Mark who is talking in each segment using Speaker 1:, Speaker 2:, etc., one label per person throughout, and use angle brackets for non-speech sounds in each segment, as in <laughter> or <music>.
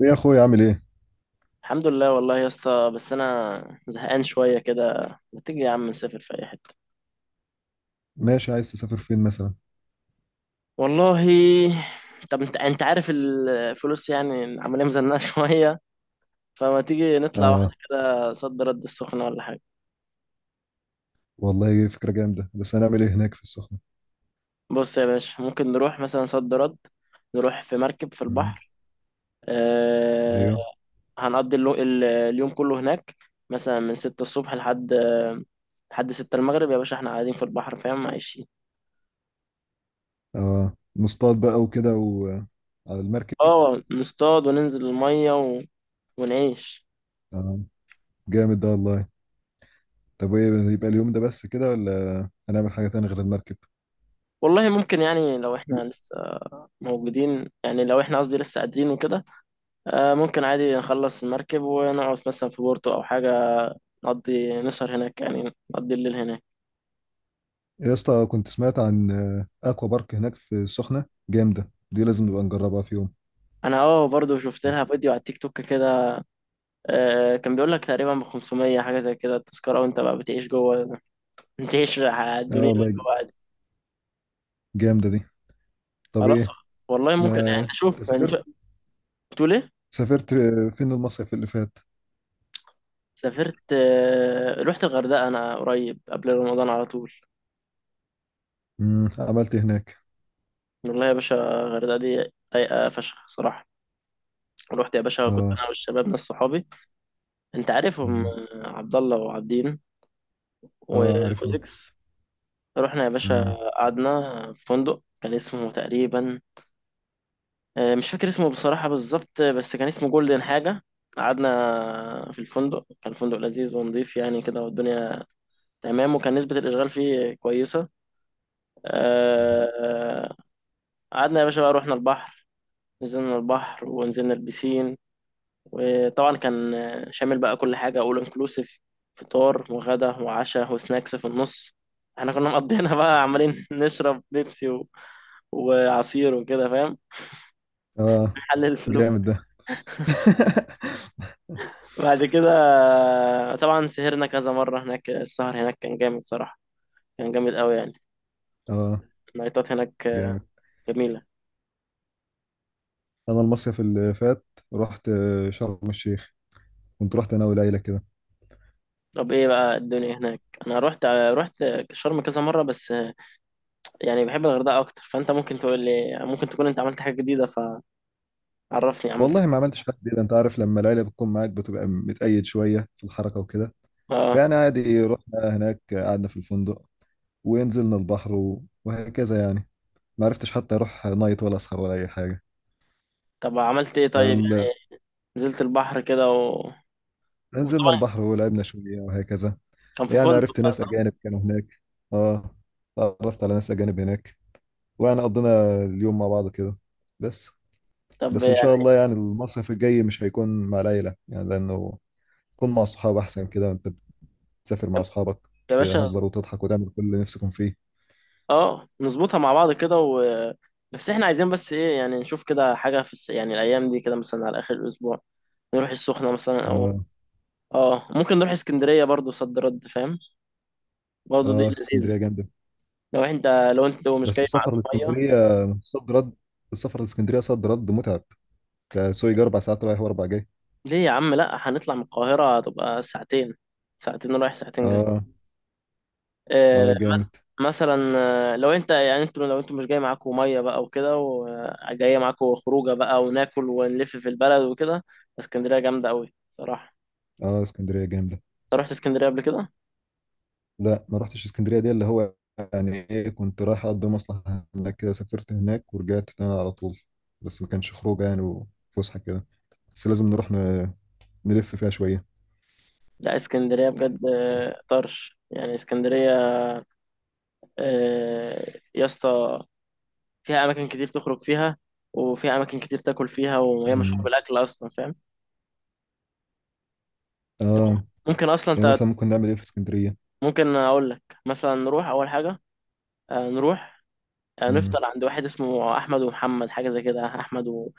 Speaker 1: ايه يا اخويا عامل ايه؟
Speaker 2: الحمد لله والله يا اسطى، بس انا زهقان شويه كده. ما تيجي يا عم نسافر في اي حته؟
Speaker 1: ماشي، عايز تسافر فين مثلا؟
Speaker 2: والله. طب انت عارف الفلوس، يعني عمالين مزنقه <laughs> شويه. فما تيجي نطلع واحده
Speaker 1: اه،
Speaker 2: كده صد رد السخنه ولا حاجه؟
Speaker 1: والله فكرة جامدة، بس هنعمل ايه هناك في السخنة؟
Speaker 2: بص يا باشا، ممكن نروح مثلا صد رد، نروح في مركب في
Speaker 1: مم.
Speaker 2: البحر. أه.
Speaker 1: ايوه.
Speaker 2: هنقضي اليوم كله هناك، مثلا من 6 الصبح لحد 6 المغرب يا باشا، احنا قاعدين في البحر فاهم؟ عايشين.
Speaker 1: اه، نصطاد بقى وكده وعلى المركب.
Speaker 2: اه نصطاد وننزل الميه ونعيش.
Speaker 1: اه، جامد ده والله. طب ايه يبقى اليوم ده بس كده ولا هنعمل حاجة تانية غير المركب؟
Speaker 2: والله ممكن يعني، لو احنا لسه موجودين، يعني لو احنا قصدي لسه قادرين وكده. ممكن عادي نخلص المركب ونقعد مثلا في بورتو او حاجة، نقضي نسهر هناك، يعني نقضي الليل هناك.
Speaker 1: يا اسطى، كنت سمعت عن اكوا بارك هناك في السخنة جامدة دي، لازم نبقى نجربها في يوم.
Speaker 2: انا اه برضو شفت لها فيديو على التيك توك كده. كان بيقول لك تقريبا ب 500 حاجة زي كده التذكرة، وانت بقى بتعيش جوه، بتعيش على
Speaker 1: اه
Speaker 2: الدنيا اللي
Speaker 1: والله،
Speaker 2: جوه عادي.
Speaker 1: جامدة دي. طب
Speaker 2: خلاص.
Speaker 1: ايه؟
Speaker 2: والله
Speaker 1: ما
Speaker 2: ممكن، يعني
Speaker 1: انت
Speaker 2: اشوف، يعني
Speaker 1: سافرت،
Speaker 2: بتقول ايه؟
Speaker 1: سافرت فين المصيف اللي فات؟
Speaker 2: سافرت رحت الغردقة انا قريب قبل رمضان على طول.
Speaker 1: مم. عملت إيه هناك؟
Speaker 2: والله يا باشا، الغردقة دي رايقة فشخ صراحة. رحت يا باشا، كنت
Speaker 1: اه.
Speaker 2: أنا والشباب ناس صحابي، أنت عارفهم،
Speaker 1: مم.
Speaker 2: عبد الله وعابدين
Speaker 1: اه عارفهم.
Speaker 2: وأوديكس. رحنا يا باشا،
Speaker 1: مم.
Speaker 2: قعدنا في فندق كان اسمه تقريبا مش فاكر اسمه بصراحة بالظبط، بس كان اسمه جولدن حاجة. قعدنا في الفندق، كان فندق لذيذ ونظيف يعني كده، والدنيا تمام، وكان نسبة الإشغال فيه كويسة.
Speaker 1: اه.
Speaker 2: آه، آه، قعدنا يا باشا بقى، رحنا البحر، نزلنا البحر ونزلنا البسين. وطبعا كان شامل بقى كل حاجة، اول انكلوسيف، فطار وغدا وعشاء وسناكس في النص. احنا كنا مقضينا بقى، عمالين <laughs> نشرب بيبسي وعصير وكده فاهم،
Speaker 1: آه.
Speaker 2: نحلل الفلوس.
Speaker 1: جامد ده. <laughs>
Speaker 2: بعد كده طبعا سهرنا كذا مرة هناك، السهر هناك كان جامد صراحة، كان جامد قوي يعني.
Speaker 1: اه،
Speaker 2: النايتات هناك
Speaker 1: جامد.
Speaker 2: جميلة.
Speaker 1: انا المصيف اللي فات رحت شرم الشيخ، كنت رحت انا والعيله كده.
Speaker 2: طب ايه بقى الدنيا هناك؟ انا رحت شرم كذا مرة، بس يعني بحب الغردقة اكتر، فانت ممكن تقول لي ممكن تكون انت عملت حاجة جديدة، فعرفني عملت
Speaker 1: والله ما
Speaker 2: ايه.
Speaker 1: عملتش حاجه جديده، انت عارف لما العيله بتكون معاك بتبقى متقيد شويه في الحركه وكده.
Speaker 2: اه.
Speaker 1: فانا عادي رحنا هناك، قعدنا في الفندق ونزلنا البحر وهكذا يعني. ما عرفتش حتى اروح نايت ولا اسهر ولا اي حاجه.
Speaker 2: طب عملت ايه طيب
Speaker 1: فال-
Speaker 2: يعني؟ نزلت البحر كده
Speaker 1: نزلنا
Speaker 2: وطبعا
Speaker 1: البحر ولعبنا شويه وهكذا.
Speaker 2: كان في
Speaker 1: يعني
Speaker 2: فندق
Speaker 1: عرفت
Speaker 2: بقى
Speaker 1: ناس
Speaker 2: صح؟
Speaker 1: أجانب كانوا هناك. اه، تعرفت على ناس أجانب هناك، ويعني قضينا اليوم مع بعض كده بس.
Speaker 2: طب
Speaker 1: بس إن شاء
Speaker 2: يعني
Speaker 1: الله يعني المصيف الجاي مش هيكون مع العيلة، يعني لأنه تكون مع أصحاب أحسن كده. أنت بتسافر مع أصحابك
Speaker 2: يا باشا،
Speaker 1: تهزر وتضحك وتعمل كل اللي نفسكم فيه.
Speaker 2: اه نظبطها مع بعض كده، و... بس احنا عايزين بس ايه يعني، نشوف كده حاجة في يعني الايام دي كده مثلا، على اخر الاسبوع نروح السخنة مثلا، او
Speaker 1: اه.
Speaker 2: اه ممكن نروح اسكندرية برضو صد رد فاهم، برضو دي
Speaker 1: اه،
Speaker 2: لذيذة.
Speaker 1: اسكندرية جامدة.
Speaker 2: لو انت لو انت مش
Speaker 1: بس
Speaker 2: جاي معاك
Speaker 1: السفر
Speaker 2: مية.
Speaker 1: لاسكندرية صد رد، السفر لاسكندرية صد رد متعب، تسوق 4 ساعات رايح وأربع جاي.
Speaker 2: ليه يا عم؟ لا هنطلع من القاهرة هتبقى ساعتين، ساعتين رايح ساعتين جاي.
Speaker 1: اه. اه،
Speaker 2: آه،
Speaker 1: جامد.
Speaker 2: مثلا، لو انت يعني انتوا، لو انتوا مش جاي معاكم ميه بقى وكده، وجايه معاكم خروجه بقى، وناكل ونلف في البلد وكده. اسكندريه جامده قوي صراحه.
Speaker 1: اه، اسكندرية جامدة.
Speaker 2: انت رحت اسكندريه قبل كده؟
Speaker 1: لا، ما رحتش اسكندرية. دي اللي هو يعني ايه، كنت رايح اقضي مصلحة هناك كده، سافرت هناك ورجعت تاني على طول. بس ما كانش خروج يعني، وفسحة كده. بس لازم نروح نلف فيها شوية.
Speaker 2: لا اسكندريه بجد طرش يعني اسكندريه يا اسطى، فيها اماكن كتير تخرج فيها، وفيها اماكن كتير تاكل فيها، وهي مشهوره
Speaker 1: امم.
Speaker 2: بالاكل اصلا فاهم.
Speaker 1: اه.
Speaker 2: ممكن اصلا
Speaker 1: يعني
Speaker 2: انت،
Speaker 1: مثلا ممكن نعمل ايه في اسكندرية؟
Speaker 2: ممكن اقول لك مثلا نروح اول حاجه، نروح
Speaker 1: امم.
Speaker 2: هنفطر عند واحد اسمه احمد ومحمد، حاجه زي كده، احمد و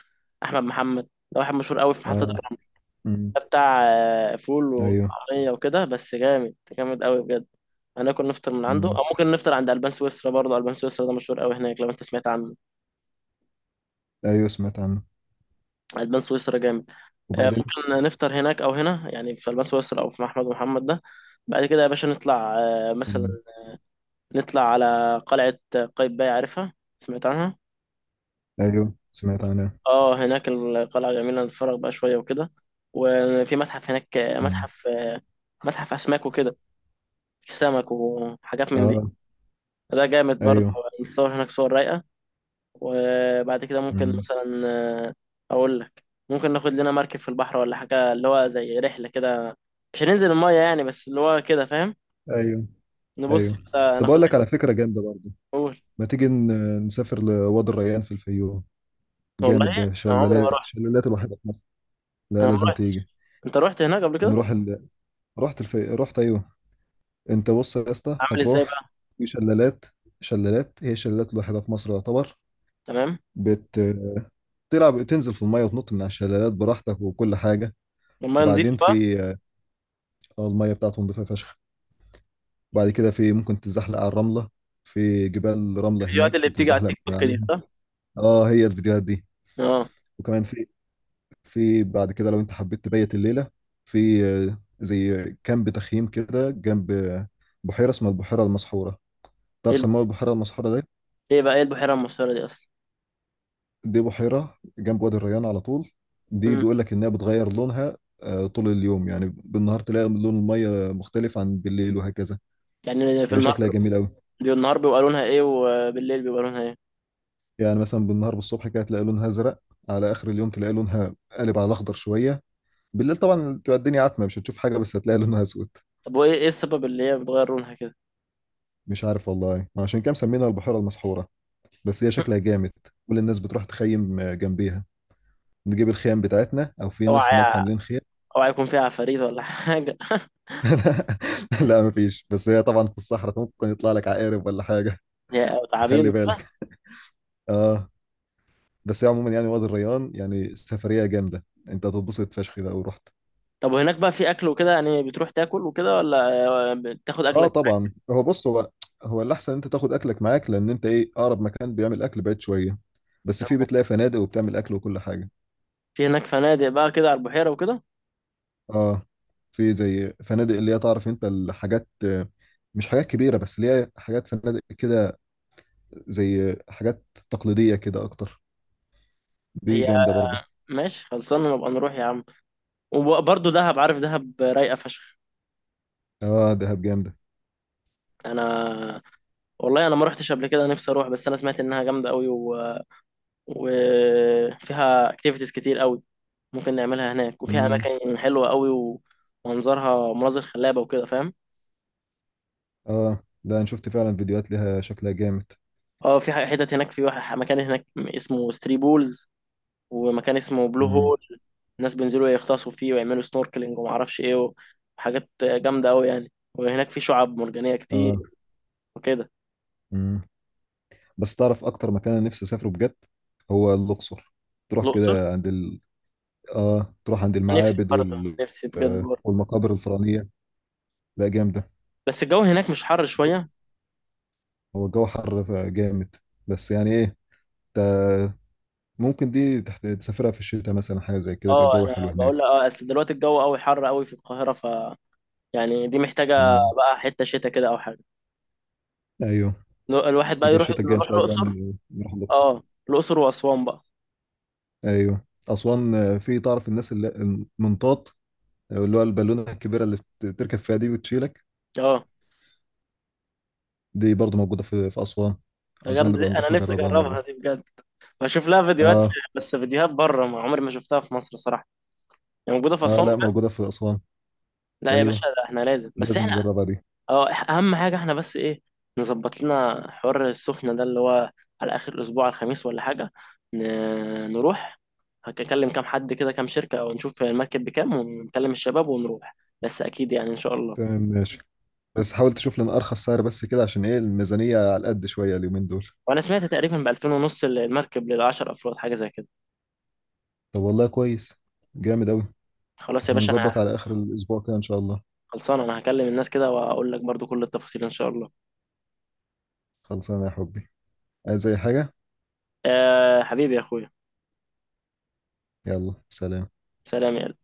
Speaker 2: احمد محمد، ده واحد مشهور قوي في محطه
Speaker 1: اه.
Speaker 2: الرمل.
Speaker 1: امم.
Speaker 2: ده بتاع فول
Speaker 1: ايوه.
Speaker 2: وطعميه وكده، بس جامد جامد قوي بجد. هناكل نفطر من عنده،
Speaker 1: امم.
Speaker 2: او ممكن نفطر عند البان سويسرا برضه. البان سويسرا ده مشهور قوي هناك، لو انت سمعت عنه،
Speaker 1: ايوه سمعت عنه.
Speaker 2: البان سويسرا جامد.
Speaker 1: وبعدين؟
Speaker 2: ممكن نفطر هناك او هنا، يعني في البان سويسرا او في احمد ومحمد ده. بعد كده يا باشا نطلع مثلا،
Speaker 1: امم.
Speaker 2: نطلع على قلعه قايتباي، عارفها؟ سمعت عنها؟
Speaker 1: ايوه سمعت عنه.
Speaker 2: اه هناك القلعة جميلة، نتفرج بقى شوية وكده. وفي متحف هناك،
Speaker 1: امم.
Speaker 2: متحف متحف أسماك وكده، في سمك وحاجات من دي،
Speaker 1: اه.
Speaker 2: ده جامد برضه.
Speaker 1: ايوه.
Speaker 2: نتصور هناك صور رايقة. وبعد كده ممكن
Speaker 1: امم.
Speaker 2: مثلا آه، أقول لك، ممكن ناخد لنا مركب في البحر ولا حاجة، اللي هو زي رحلة كده، مش هننزل المية يعني، بس اللي هو كده فاهم،
Speaker 1: ايوه.
Speaker 2: نبص
Speaker 1: ايوه.
Speaker 2: كده
Speaker 1: طب
Speaker 2: ناخد
Speaker 1: اقول
Speaker 2: رحلة.
Speaker 1: لك على فكرة جامدة برضه.
Speaker 2: أول.
Speaker 1: ما تيجي نسافر لوادي الريان في الفيوم؟
Speaker 2: والله
Speaker 1: جامد ده،
Speaker 2: أنا عمري ما
Speaker 1: شلالات،
Speaker 2: رحت،
Speaker 1: شلالات الوحيدة في مصر. لا
Speaker 2: أنا ما
Speaker 1: لازم
Speaker 2: رحت.
Speaker 1: تيجي.
Speaker 2: أنت رحت هناك قبل كده؟
Speaker 1: نروح ال... رحت أيوه. أنت بص يا اسطى
Speaker 2: عامل إزاي
Speaker 1: هتروح،
Speaker 2: بقى؟
Speaker 1: في شلالات، شلالات هي الشلالات الوحيدة في مصر يعتبر.
Speaker 2: تمام.
Speaker 1: بت... تلعب، تنزل في المية وتنط من على الشلالات براحتك وكل حاجة.
Speaker 2: المية
Speaker 1: وبعدين
Speaker 2: نضيفة بقى؟
Speaker 1: في المية بتاعتهم نضيفة فشخ. وبعد كده في ممكن تتزحلق على الرملة، في جبال رملة
Speaker 2: الفيديوهات
Speaker 1: هناك
Speaker 2: اللي بتيجي على
Speaker 1: بتتزحلق
Speaker 2: التيك
Speaker 1: من
Speaker 2: توك دي؟
Speaker 1: عليها. اه هي الفيديوهات دي.
Speaker 2: اه.
Speaker 1: وكمان في، بعد كده لو انت حبيت تبيت الليله، في زي كامب تخييم كده جنب بحيره اسمها البحيره المسحوره.
Speaker 2: ايه
Speaker 1: تعرف
Speaker 2: الب-
Speaker 1: سموها البحيره المسحوره دي؟
Speaker 2: ايه بقى ايه البحيرة المسحورة دي اصلا؟
Speaker 1: دي بحيره جنب وادي الريان على طول. دي
Speaker 2: مم.
Speaker 1: بيقول لك انها بتغير لونها طول اليوم، يعني بالنهار تلاقي لون الميه مختلف عن بالليل وهكذا.
Speaker 2: يعني في
Speaker 1: فهي
Speaker 2: النهار،
Speaker 1: شكلها جميل قوي.
Speaker 2: النهار بيبقى لونها ايه، وبالليل بيبقى لونها ايه؟
Speaker 1: يعني مثلا بالنهار، بالصبح كده تلاقي لونها ازرق، على اخر اليوم تلاقي لونها قالب على الاخضر شويه. بالليل طبعا تبقى الدنيا عتمه مش هتشوف حاجه، بس هتلاقي لونها اسود.
Speaker 2: طب وايه السبب اللي هي بتغير لونها كده؟
Speaker 1: مش عارف والله، عشان كده مسمينها البحيره المسحوره. بس هي شكلها
Speaker 2: <laughs>
Speaker 1: جامد. كل الناس بتروح تخيم جنبيها، نجيب الخيام بتاعتنا او في ناس هناك
Speaker 2: اوعى،
Speaker 1: عاملين خيام.
Speaker 2: اوعى يكون فيها عفاريت ولا حاجة <laughs>
Speaker 1: <laughs> لا مفيش، بس هي طبعا في الصحراء، ممكن يطلع لك عقارب ولا حاجه.
Speaker 2: او
Speaker 1: <laughs>
Speaker 2: تعابين
Speaker 1: فخلي
Speaker 2: وكده.
Speaker 1: بالك. اه. بس هي عموما يعني وادي الريان يعني سفريه جامده، انت هتتبسط فشخ لو رحت.
Speaker 2: طب وهناك بقى في اكل وكده يعني، بتروح تاكل وكده، ولا بتاخد
Speaker 1: اه
Speaker 2: اكلك؟
Speaker 1: طبعا. هو بص، هو الاحسن انت تاخد اكلك معاك، لان انت ايه، اقرب مكان بيعمل اكل بعيد شويه. بس في، بتلاقي فنادق وبتعمل اكل وكل حاجه.
Speaker 2: في هناك فنادق بقى كده على البحيرة وكده؟
Speaker 1: اه. في زي فنادق اللي هي تعرف انت الحاجات مش حاجات كبيرة، بس اللي هي حاجات فنادق كده، زي حاجات تقليدية كده اكتر. دي
Speaker 2: هي،
Speaker 1: جامدة برضه.
Speaker 2: ماشي خلصانة، نبقى نروح يا عم. وبرضه دهب، عارف دهب رايقة فشخ.
Speaker 1: اه دهب جامدة.
Speaker 2: انا والله انا ما رحتش قبل كده، نفسي اروح، بس انا سمعت انها جامدة قوي، وفيها اكتيفيتيز كتير قوي ممكن نعملها هناك، وفيها
Speaker 1: امم.
Speaker 2: اماكن حلوه قوي، ومنظرها مناظر خلابه وكده فاهم.
Speaker 1: اه، ده انا شفت فعلا فيديوهات ليها شكلها جامد.
Speaker 2: اه في حتت هناك، في واحد مكان هناك اسمه ثري بولز، ومكان اسمه بلو
Speaker 1: امم.
Speaker 2: هول. الناس بينزلوا يغطسوا فيه، ويعملوا سنوركلينج وما اعرفش ايه، وحاجات جامده قوي يعني، وهناك في شعاب مرجانيه كتير
Speaker 1: اه.
Speaker 2: وكده.
Speaker 1: امم. بس تعرف اكتر مكان انا نفسي اسافره بجد هو الاقصر. تروح
Speaker 2: الاقصر،
Speaker 1: كده عند ال... اه، تروح عند
Speaker 2: نفسي
Speaker 1: المعابد
Speaker 2: برضه،
Speaker 1: وال...
Speaker 2: نفسي بجد برضه.
Speaker 1: والمقابر الفرعونية. لا جامدة.
Speaker 2: بس الجو هناك مش حر شويه؟
Speaker 1: هو الجو حر جامد، بس يعني ايه، انت ممكن دي تحت تسافرها في الشتاء مثلا، حاجة زي كده، يبقى
Speaker 2: اه
Speaker 1: الجو
Speaker 2: انا
Speaker 1: حلو هناك.
Speaker 2: بقول لك، اه اصل دلوقتي الجو قوي، حر قوي في القاهره، يعني دي محتاجة
Speaker 1: امم.
Speaker 2: بقى حتة شتا كده أو حاجة.
Speaker 1: ايوه.
Speaker 2: الواحد بقى
Speaker 1: يبقى
Speaker 2: يروح،
Speaker 1: الشتاء الجاي ان
Speaker 2: نروح
Speaker 1: شاء الله
Speaker 2: الأقصر.
Speaker 1: نروح الأقصر.
Speaker 2: اه الأقصر وأسوان بقى.
Speaker 1: ايوه أسوان في تعرف الناس اللي المنطاط، اللي هو البالونة الكبيرة اللي تركب فيها دي وتشيلك.
Speaker 2: اه.
Speaker 1: دي برضو موجودة في أسوان.
Speaker 2: ده
Speaker 1: عاوزين
Speaker 2: جامد دي،
Speaker 1: نبقى نروح
Speaker 2: أنا نفسي
Speaker 1: نجربها
Speaker 2: أجربها
Speaker 1: مرة.
Speaker 2: دي بجد، بشوف لها فيديوهات.
Speaker 1: اه.
Speaker 2: بس فيديوهات بره، ما عمري ما شفتها في مصر صراحة، يعني موجودة في
Speaker 1: اه
Speaker 2: أسوان
Speaker 1: لا،
Speaker 2: بجد؟
Speaker 1: موجودة في أسوان.
Speaker 2: لا يا باشا،
Speaker 1: ايوه،
Speaker 2: ده احنا لازم،
Speaker 1: دي
Speaker 2: بس
Speaker 1: لازم
Speaker 2: احنا
Speaker 1: نجربها دي.
Speaker 2: اه أهم حاجة احنا بس إيه، نظبط لنا حوار السخنة ده اللي هو على آخر الأسبوع، على الخميس ولا حاجة، نروح. هكلم كام حد كده، كام شركة، ونشوف المركب بكام، ونكلم الشباب ونروح، بس أكيد يعني إن شاء الله.
Speaker 1: تمام ماشي. بس حاول تشوف لنا أرخص سعر بس كده، عشان ايه الميزانية على قد شوية اليومين دول.
Speaker 2: وانا سمعت تقريبا ب 2000 ونص المركب لل 10 افراد، حاجه زي كده.
Speaker 1: طب والله كويس، جامد أوي.
Speaker 2: خلاص يا
Speaker 1: احنا
Speaker 2: باشا، انا
Speaker 1: نظبط على آخر الأسبوع كده إن شاء الله.
Speaker 2: خلصان، انا هكلم الناس كده واقول لك برضو كل التفاصيل ان شاء الله.
Speaker 1: خلصانة يا حبي. عايز أي حاجة؟
Speaker 2: أه حبيبي يا اخويا.
Speaker 1: يلا سلام.
Speaker 2: سلام يا